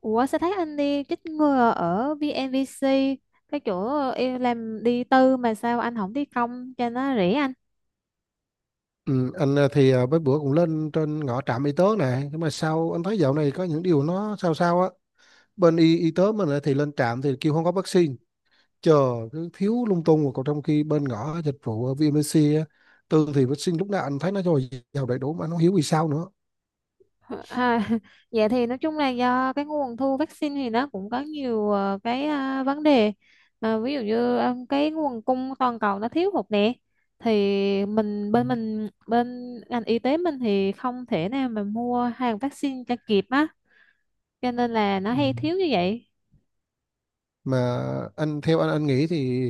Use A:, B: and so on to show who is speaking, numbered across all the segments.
A: Ủa, sao thấy anh đi chích ngừa ở VNVC, cái chỗ em làm? Đi tư mà sao anh không đi công cho nó rẻ anh?
B: Ừ, anh ờ, thì ờ, mấy bữa cũng lên trên ngõ trạm y tế này, nhưng mà sao anh thấy dạo này có những điều nó sao sao á. Bên y tế mình lại thì lên trạm thì kêu không có vaccine, chờ, cứ thiếu lung tung. Rồi còn trong khi bên ngõ dịch vụ ở VMC á, tương thì vaccine lúc nào anh thấy nó rồi vào đầy đủ, mà nó hiếu vì sao nữa.
A: À, vậy thì nói chung là do cái nguồn thu vaccine thì nó cũng có nhiều cái vấn đề. Ví dụ như cái nguồn cung toàn cầu nó thiếu hụt nè, thì
B: Ừ.
A: mình bên ngành y tế mình thì không thể nào mà mua hàng vaccine cho kịp á, cho nên là nó
B: Ừ,
A: hay thiếu như vậy.
B: mà anh theo anh nghĩ thì,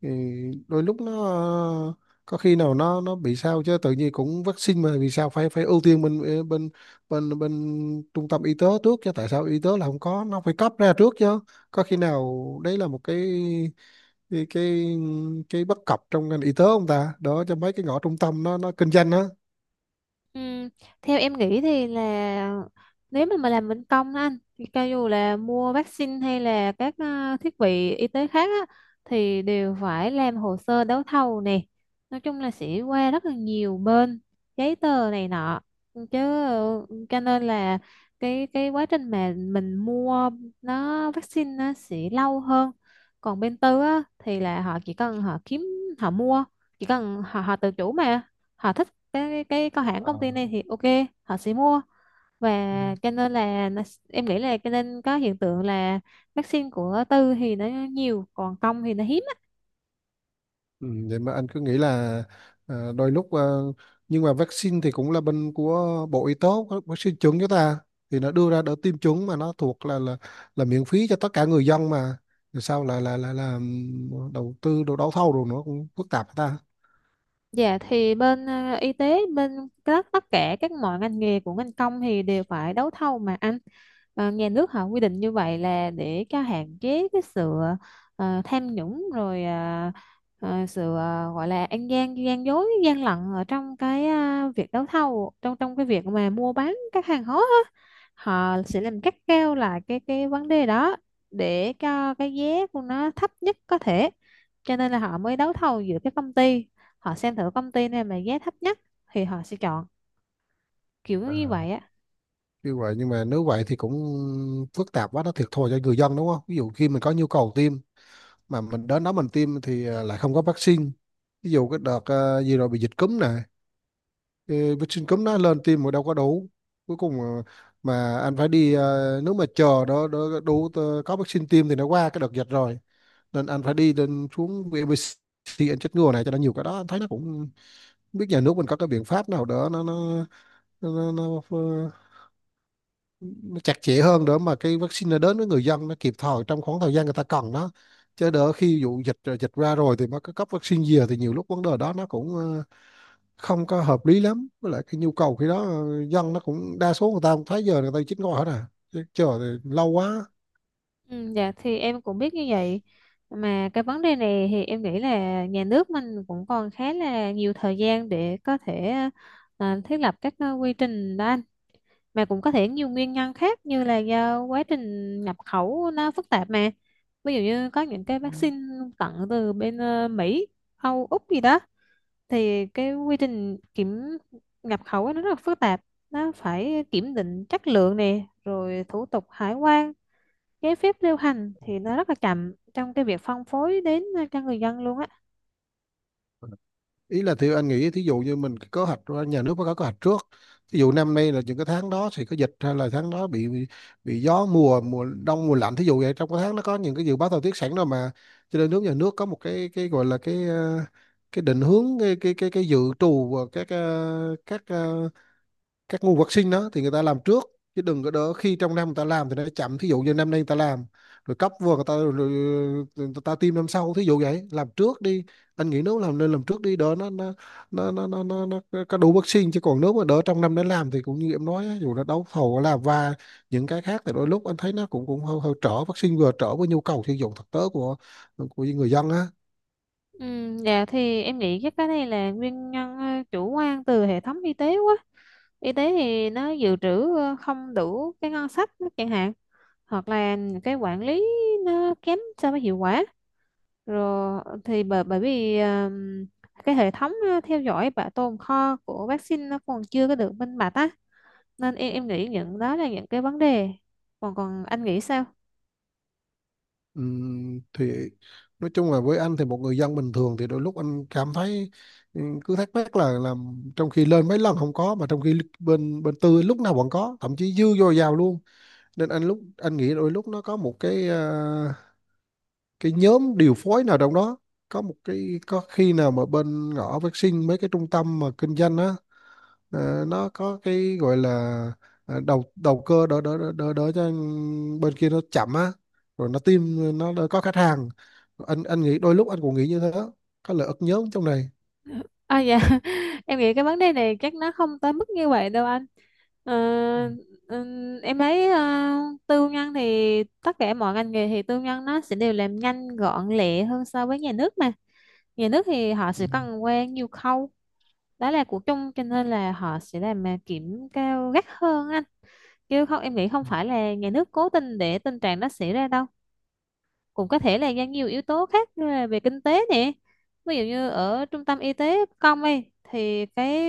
B: ừ, đôi lúc nó ờ, có khi nào nó bị sao chứ, tự nhiên cũng vaccine mà vì sao phải phải ưu tiên bên bên bên bên trung tâm y tế trước chứ, tại sao y tế là không có, nó phải cấp ra trước chứ. Có khi nào đấy là một cái cái, cái bất cập trong ngành y tế không ta, đó cho mấy cái ngõ trung tâm nó kinh doanh á.
A: Ừm, Theo em nghĩ thì là, nếu mà làm bên công á anh, thì cho dù là mua vaccine hay là các thiết bị y tế khác á, thì đều phải làm hồ sơ đấu thầu nè, nói chung là sẽ qua rất là nhiều bên giấy tờ này nọ chứ, cho nên là cái quá trình mà mình mua nó vaccine nó sẽ lâu hơn. Còn bên tư á thì là họ chỉ cần họ kiếm, họ mua, chỉ cần họ họ tự chủ mà, họ thích cái có hãng công ty này thì ok họ sẽ mua. Và cho nên là em nghĩ là cho nên có hiện tượng là vaccine của tư thì nó nhiều, còn công thì nó hiếm.
B: Ừ, vậy mà anh cứ nghĩ là à, đôi lúc à, nhưng mà vaccine thì cũng là bên của Bộ Y tế, có vaccine chuẩn cho ta, thì nó đưa ra đỡ tiêm chủng mà nó thuộc là miễn phí cho tất cả người dân mà. Rồi sao là đầu tư đồ đấu thầu rồi nó cũng phức tạp hả ta.
A: Dạ, thì bên y tế, bên các tất cả các mọi ngành nghề của ngành công thì đều phải đấu thầu mà anh. Nhà nước họ quy định như vậy là để cho hạn chế cái sự tham nhũng, rồi sự gọi là ăn gian, gian dối, gian lận ở trong cái việc đấu thầu, trong trong cái việc mà mua bán các hàng hóa á. Họ sẽ làm cắt keo lại cái vấn đề đó, để cho cái giá của nó thấp nhất có thể, cho nên là họ mới đấu thầu giữa các công ty. Họ xem thử công ty này mà giá thấp nhất thì họ sẽ chọn, kiểu như
B: À,
A: vậy á.
B: như vậy nhưng mà nếu vậy thì cũng phức tạp quá, nó thiệt thòi cho người dân đúng không? Ví dụ khi mình có nhu cầu tiêm mà mình đến đó mình tiêm thì lại không có vaccine. Ví dụ cái đợt gì rồi bị dịch cúm nè, thì bị Trình cấm đã lần tìm một đâu có đấu, cuối cùng mà anh phải đi, nếu mà chờ đó đó đủ có vaccine tiêm thì nó qua cái đợt dịch rồi. Nên anh phải đi lên xuống VBC anh chích ngừa này cho nó nhiều. Cái đó anh thấy nó cũng không biết nhà nước mình có cái biện pháp nào đó nó, nó, nó nó chặt chẽ hơn để mà cái vaccine nó đến với người dân nó kịp thời trong khoảng thời gian người ta cần nó, chứ đỡ khi vụ dịch dịch ra rồi thì mới có cấp vaccine gì thì nhiều lúc vấn đề đó nó cũng không có hợp lý lắm, với lại cái nhu cầu khi đó dân nó cũng đa số người ta cũng thấy giờ người ta chín ngồi hết à, chứ chờ thì lâu quá.
A: Ừ, dạ, thì em cũng biết như vậy. Mà cái vấn đề này thì em nghĩ là nhà nước mình cũng còn khá là nhiều thời gian để có thể thiết lập các quy trình đó anh. Mà cũng có thể nhiều nguyên nhân khác như là do quá trình nhập khẩu nó phức tạp mà. Ví dụ như có những cái vaccine tận từ bên Mỹ, Âu, Úc gì đó, thì cái quy trình kiểm nhập khẩu ấy nó rất là phức tạp. Nó phải kiểm định chất lượng nè, rồi thủ tục hải quan, giấy phép lưu hành thì nó rất là chậm trong cái việc phân phối đến cho người dân luôn á.
B: Ý là thì anh nghĩ thí dụ như mình có kế hoạch, nhà nước có hoạch trước, thí dụ năm nay là những cái tháng đó thì có dịch, hay là tháng đó bị gió mùa, mùa đông mùa lạnh thí dụ vậy, trong cái tháng nó có những cái dự báo thời tiết sẵn rồi mà. Cho nên nhà nước có một cái gọi là cái định hướng cái dự trù và các nguồn vật sinh đó thì người ta làm trước, chứ đừng có đỡ khi trong năm người ta làm thì nó chậm. Thí dụ như năm nay người ta làm rồi cấp vừa người ta rồi, người ta tiêm năm sau, thí dụ vậy, làm trước đi. Anh nghĩ nếu làm nên làm trước đi, đỡ nó có đủ vắc xin, chứ còn nếu mà đỡ trong năm nó làm thì cũng như em nói á, dù là đấu thầu và những cái khác thì đôi lúc anh thấy nó cũng cũng hơi trở vắc xin, vừa trở với nhu cầu sử dụng thực tế của người dân á.
A: Ừ, dạ, thì em nghĩ chắc cái này là nguyên nhân chủ quan từ hệ thống y tế quá. Y tế thì nó dự trữ không đủ cái ngân sách chẳng hạn, hoặc là cái quản lý nó kém so với hiệu quả. Rồi thì bởi bởi vì cái hệ thống theo dõi bảo tồn kho của vaccine nó còn chưa có được minh bạch á. Nên em nghĩ những đó là những cái vấn đề. Còn còn anh nghĩ sao?
B: Thì nói chung là với anh thì một người dân bình thường thì đôi lúc anh cảm thấy, cứ thắc mắc là làm, trong khi lên mấy lần không có, mà trong khi bên bên tư lúc nào vẫn có, thậm chí dư dồi dào luôn. Nên anh lúc anh nghĩ đôi lúc nó có một cái cái nhóm điều phối nào trong đó, có một cái có khi nào mà bên ngõ vaccine mấy cái trung tâm mà kinh doanh á. Ờ, nó có cái gọi là đầu đầu cơ đỡ đỡ đỡ đỡ đỡ cho bên kia nó chậm á, rồi nó tìm nó đỡ có khách hàng. Anh nghĩ đôi lúc anh cũng nghĩ như thế, có lợi ức nhóm trong này.
A: À, dạ, em nghĩ cái vấn đề này chắc nó không tới mức như vậy đâu anh. Ờ,
B: Ừ,
A: em thấy tư nhân thì tất cả mọi ngành nghề thì tư nhân nó sẽ đều làm nhanh gọn lẹ hơn so với nhà nước mà. Nhà nước thì họ
B: ừ,
A: sẽ cần qua nhiều khâu, đó là của chung cho nên là họ sẽ làm kiểm cao gắt hơn anh. Chứ không em nghĩ không
B: ừ.
A: phải là nhà nước cố tình để tình trạng đó xảy ra đâu. Cũng có thể là do nhiều yếu tố khác như là về kinh tế nè, ví dụ như ở trung tâm y tế công ấy thì cái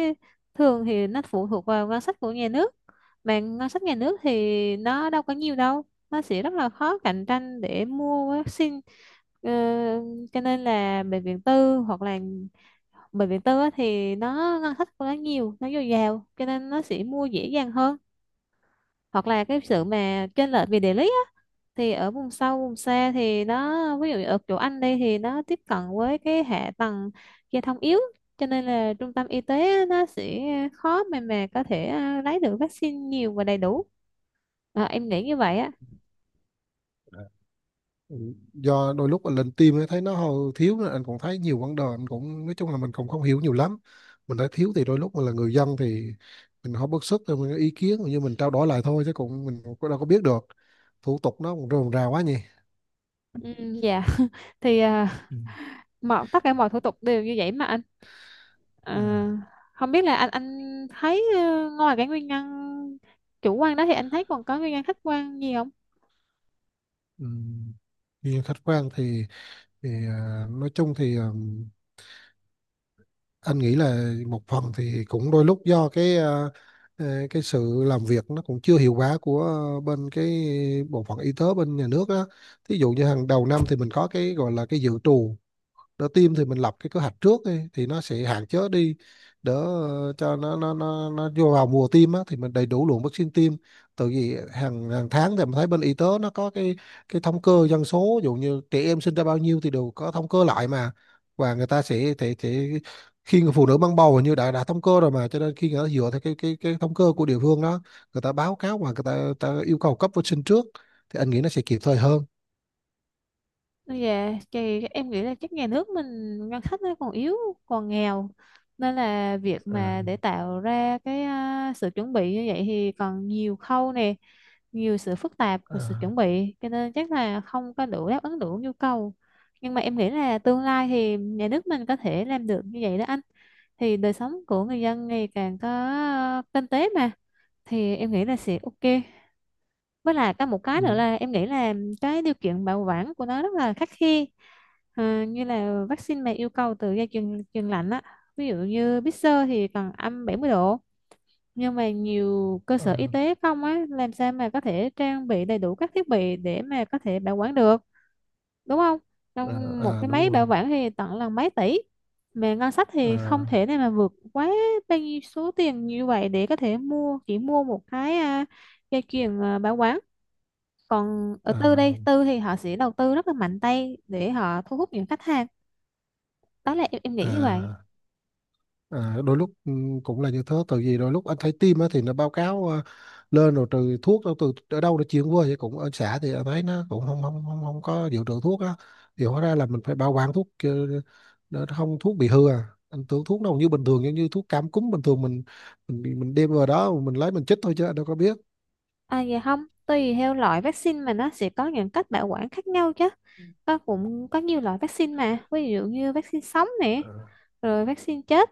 A: thường thì nó phụ thuộc vào ngân sách của nhà nước, mà ngân sách nhà nước thì nó đâu có nhiều đâu, nó sẽ rất là khó cạnh tranh để mua vaccine. Ờ, cho nên là bệnh viện tư, hoặc là bệnh viện tư á thì nó ngân sách của nó nhiều, nó dồi dào cho nên nó sẽ mua dễ dàng hơn. Hoặc là cái sự mà chênh lệch về địa lý á, thì ở vùng sâu vùng xa thì nó, ví dụ ở chỗ anh đây thì nó tiếp cận với cái hạ tầng giao thông yếu, cho nên là trung tâm y tế nó sẽ khó mà có thể lấy được vaccine nhiều và đầy đủ. Em nghĩ như vậy á.
B: Ờ. Ừ, do đôi lúc anh lên team ấy, thấy nó hầu thiếu nên anh cũng thấy nhiều vấn đề, anh cũng nói chung là mình cũng không hiểu nhiều lắm. Mình thấy thiếu thì đôi lúc mình là người dân thì mình không bức xúc, rồi mình có ý kiến như mình trao đổi lại thôi, chứ cũng mình cũng đâu có biết được. Thủ tục nó cũng rườm rà quá nhỉ.
A: Ừ, dạ, thì
B: Ừ.
A: mọi tất cả mọi thủ tục đều như vậy mà anh.
B: Ừ.
A: Không biết là anh thấy ngoài cái nguyên nhân chủ quan đó thì anh thấy còn có nguyên nhân khách quan gì không?
B: Ừm, Nhìn khách quan thì nói chung thì anh nghĩ là một phần thì cũng đôi lúc do cái sự làm việc nó cũng chưa hiệu quả của bên cái bộ phận y tế bên nhà nước á. Thí dụ như hàng đầu năm thì mình có cái gọi là cái dự trù đỡ tim, thì mình lập cái kế hoạch trước đi, thì nó sẽ hạn chế đi, đỡ cho nó vô vào mùa tim á, thì mình đầy đủ lượng vaccine tim. Từ vì hàng hàng tháng thì mình thấy bên y tế nó có cái thống kê dân số, ví dụ như trẻ em sinh ra bao nhiêu thì đều có thống kê lại mà. Và người ta sẽ, khi người phụ nữ mang bầu hình như đã thống kê rồi mà, cho nên khi người ta dựa theo cái thống kê của địa phương đó, người ta báo cáo và người ta yêu cầu cấp vaccine trước, thì anh nghĩ nó sẽ kịp thời hơn.
A: Dạ, thì em nghĩ là chắc nhà nước mình ngân sách nó còn yếu, còn nghèo, nên là việc
B: Ờ,
A: mà để tạo ra cái sự chuẩn bị như vậy thì còn nhiều khâu nè, nhiều sự phức tạp và sự
B: à,
A: chuẩn bị, cho nên chắc là không có đủ đáp ứng đủ nhu cầu. Nhưng mà em nghĩ là tương lai thì nhà nước mình có thể làm được như vậy đó anh. Thì đời sống của người dân ngày càng có kinh tế mà, thì em nghĩ là sẽ ok. Với lại có một cái nữa
B: ừ,
A: là em nghĩ là cái điều kiện bảo quản của nó rất là khắt khe. Như là vaccine mà yêu cầu từ dây chuyền chuyền lạnh á, ví dụ như Pfizer thì cần âm 70 độ. Nhưng mà nhiều cơ sở y
B: à,
A: tế không á, làm sao mà có thể trang bị đầy đủ các thiết bị để mà có thể bảo quản được, đúng không?
B: à,
A: Trong một
B: à,
A: cái
B: đúng
A: máy bảo
B: rồi.
A: quản thì tận là mấy tỷ, mà ngân sách thì
B: Ờ.
A: không thể nào mà vượt quá bao nhiêu số tiền như vậy để có thể mua, chỉ mua một cái dây chuyền bảo quản. Còn ở
B: ờ,
A: tư đây tư thì họ sẽ đầu tư rất là mạnh tay để họ thu hút những khách hàng. Đó là em
B: ờ,
A: nghĩ như vậy.
B: ờ, Đôi lúc cũng là như thế, tại vì đôi lúc anh thấy tim á thì nó báo cáo lên rồi từ thuốc đâu từ ở đâu nó chuyển qua vậy, cũng ở xã thì anh thấy nó cũng không có dự trữ thuốc á. Thì hóa ra là mình phải bảo quản thuốc để không thuốc bị hư, à anh tưởng thuốc đâu như bình thường, giống như thuốc cảm cúm bình thường mình mình đem vào đó mình lấy mình chích thôi, chứ anh đâu có biết.
A: À, vậy không, tùy theo loại vaccine mà nó sẽ có những cách bảo quản khác nhau chứ. Có, cũng có nhiều loại vaccine mà ví dụ như vaccine sống nè,
B: Ờ,
A: rồi vaccine chết,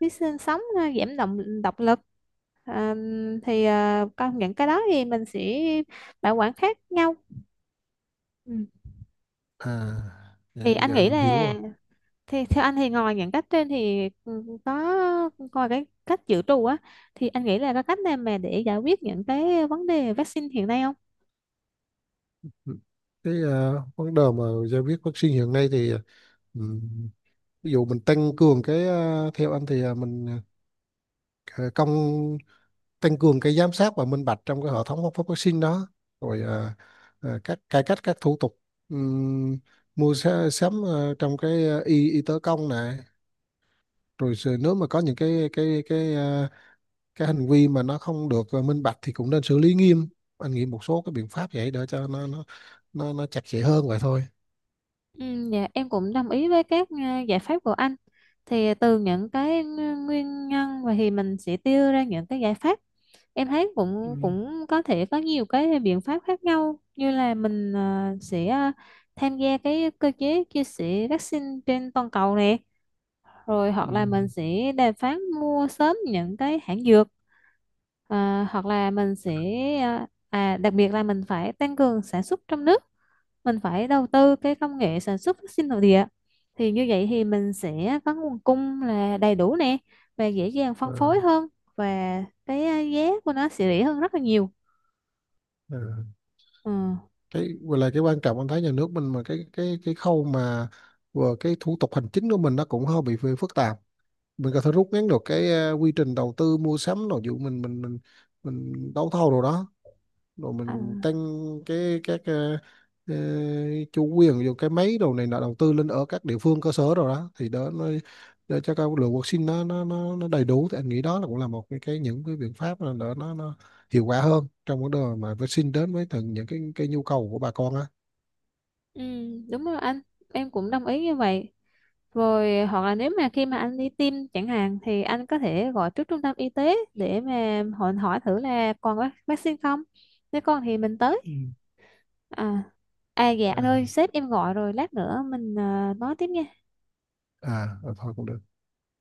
A: vaccine sống giảm động độc lực, à, thì có những cái đó thì mình sẽ bảo quản khác nhau. Ừ.
B: à vậy
A: thì
B: là
A: anh
B: giờ
A: nghĩ
B: anh hiểu
A: là
B: rồi.
A: Thì theo anh thì ngoài những cách trên thì có coi cái cách dự trù á, thì anh nghĩ là có cách nào mà để giải quyết những cái vấn đề vaccine hiện nay không?
B: Ừ, vấn đề mà giải quyết vaccine hiện nay thì, ừ, ví dụ mình tăng cường theo anh thì mình ờ, công tăng cường cái giám sát và minh bạch trong cái hệ thống phát vaccine đó. Rồi các cải cách các thủ tục, ừm, mua sắm trong cái y tế công này. Rồi nếu mà có những cái hành vi mà nó không được minh bạch thì cũng nên xử lý nghiêm. Anh nghĩ một số cái biện pháp vậy để cho nó chặt chẽ hơn vậy thôi.
A: Ừ, dạ, em cũng đồng ý với các giải pháp của anh. Thì từ những cái nguyên nhân và thì mình sẽ đưa ra những cái giải pháp. Em thấy cũng
B: Ừm,
A: cũng có thể có nhiều cái biện pháp khác nhau như là mình sẽ tham gia cái cơ chế chia sẻ vaccine trên toàn cầu nè, rồi hoặc là mình
B: ừm,
A: sẽ đàm phán mua sớm những cái hãng dược, hoặc là mình sẽ đặc biệt là mình phải tăng cường sản xuất trong nước. Mình phải đầu tư cái công nghệ sản xuất vaccine nội địa, thì như vậy thì mình sẽ có nguồn cung là đầy đủ nè, và dễ dàng
B: ờ,
A: phân phối hơn, và cái giá của nó sẽ rẻ hơn rất là nhiều.
B: ờ.
A: Ừ.
B: Cái vừa là cái quan trọng anh thấy nhà nước mình, mà cái khâu mà vừa cái thủ tục hành chính của mình nó cũng hơi bị phức tạp, mình có thể rút ngắn được quy trình đầu tư mua sắm rồi dụ mình đấu thầu rồi đó. Rồi
A: À,
B: mình tăng cái ờ, chủ quyền rồi cái máy đồ này nọ đầu tư lên ở các địa phương cơ sở rồi đó, thì đó nó để cho các lượng vaccine nó đầy đủ, thì anh nghĩ đó là cũng là một cái những cái biện pháp là nó hiệu quả hơn trong vấn đề mà vaccine đến với từng những cái nhu cầu của bà con á.
A: ừ, đúng rồi anh, em cũng đồng ý như vậy. Rồi hoặc là nếu mà khi mà anh đi tiêm chẳng hạn thì anh có thể gọi trước trung tâm y tế để mà hỏi hỏi thử là còn vaccine không, nếu còn thì mình tới.
B: Ừ.
A: à dạ anh ơi sếp em gọi rồi, lát nữa mình nói tiếp nha.
B: À, à thôi cũng được.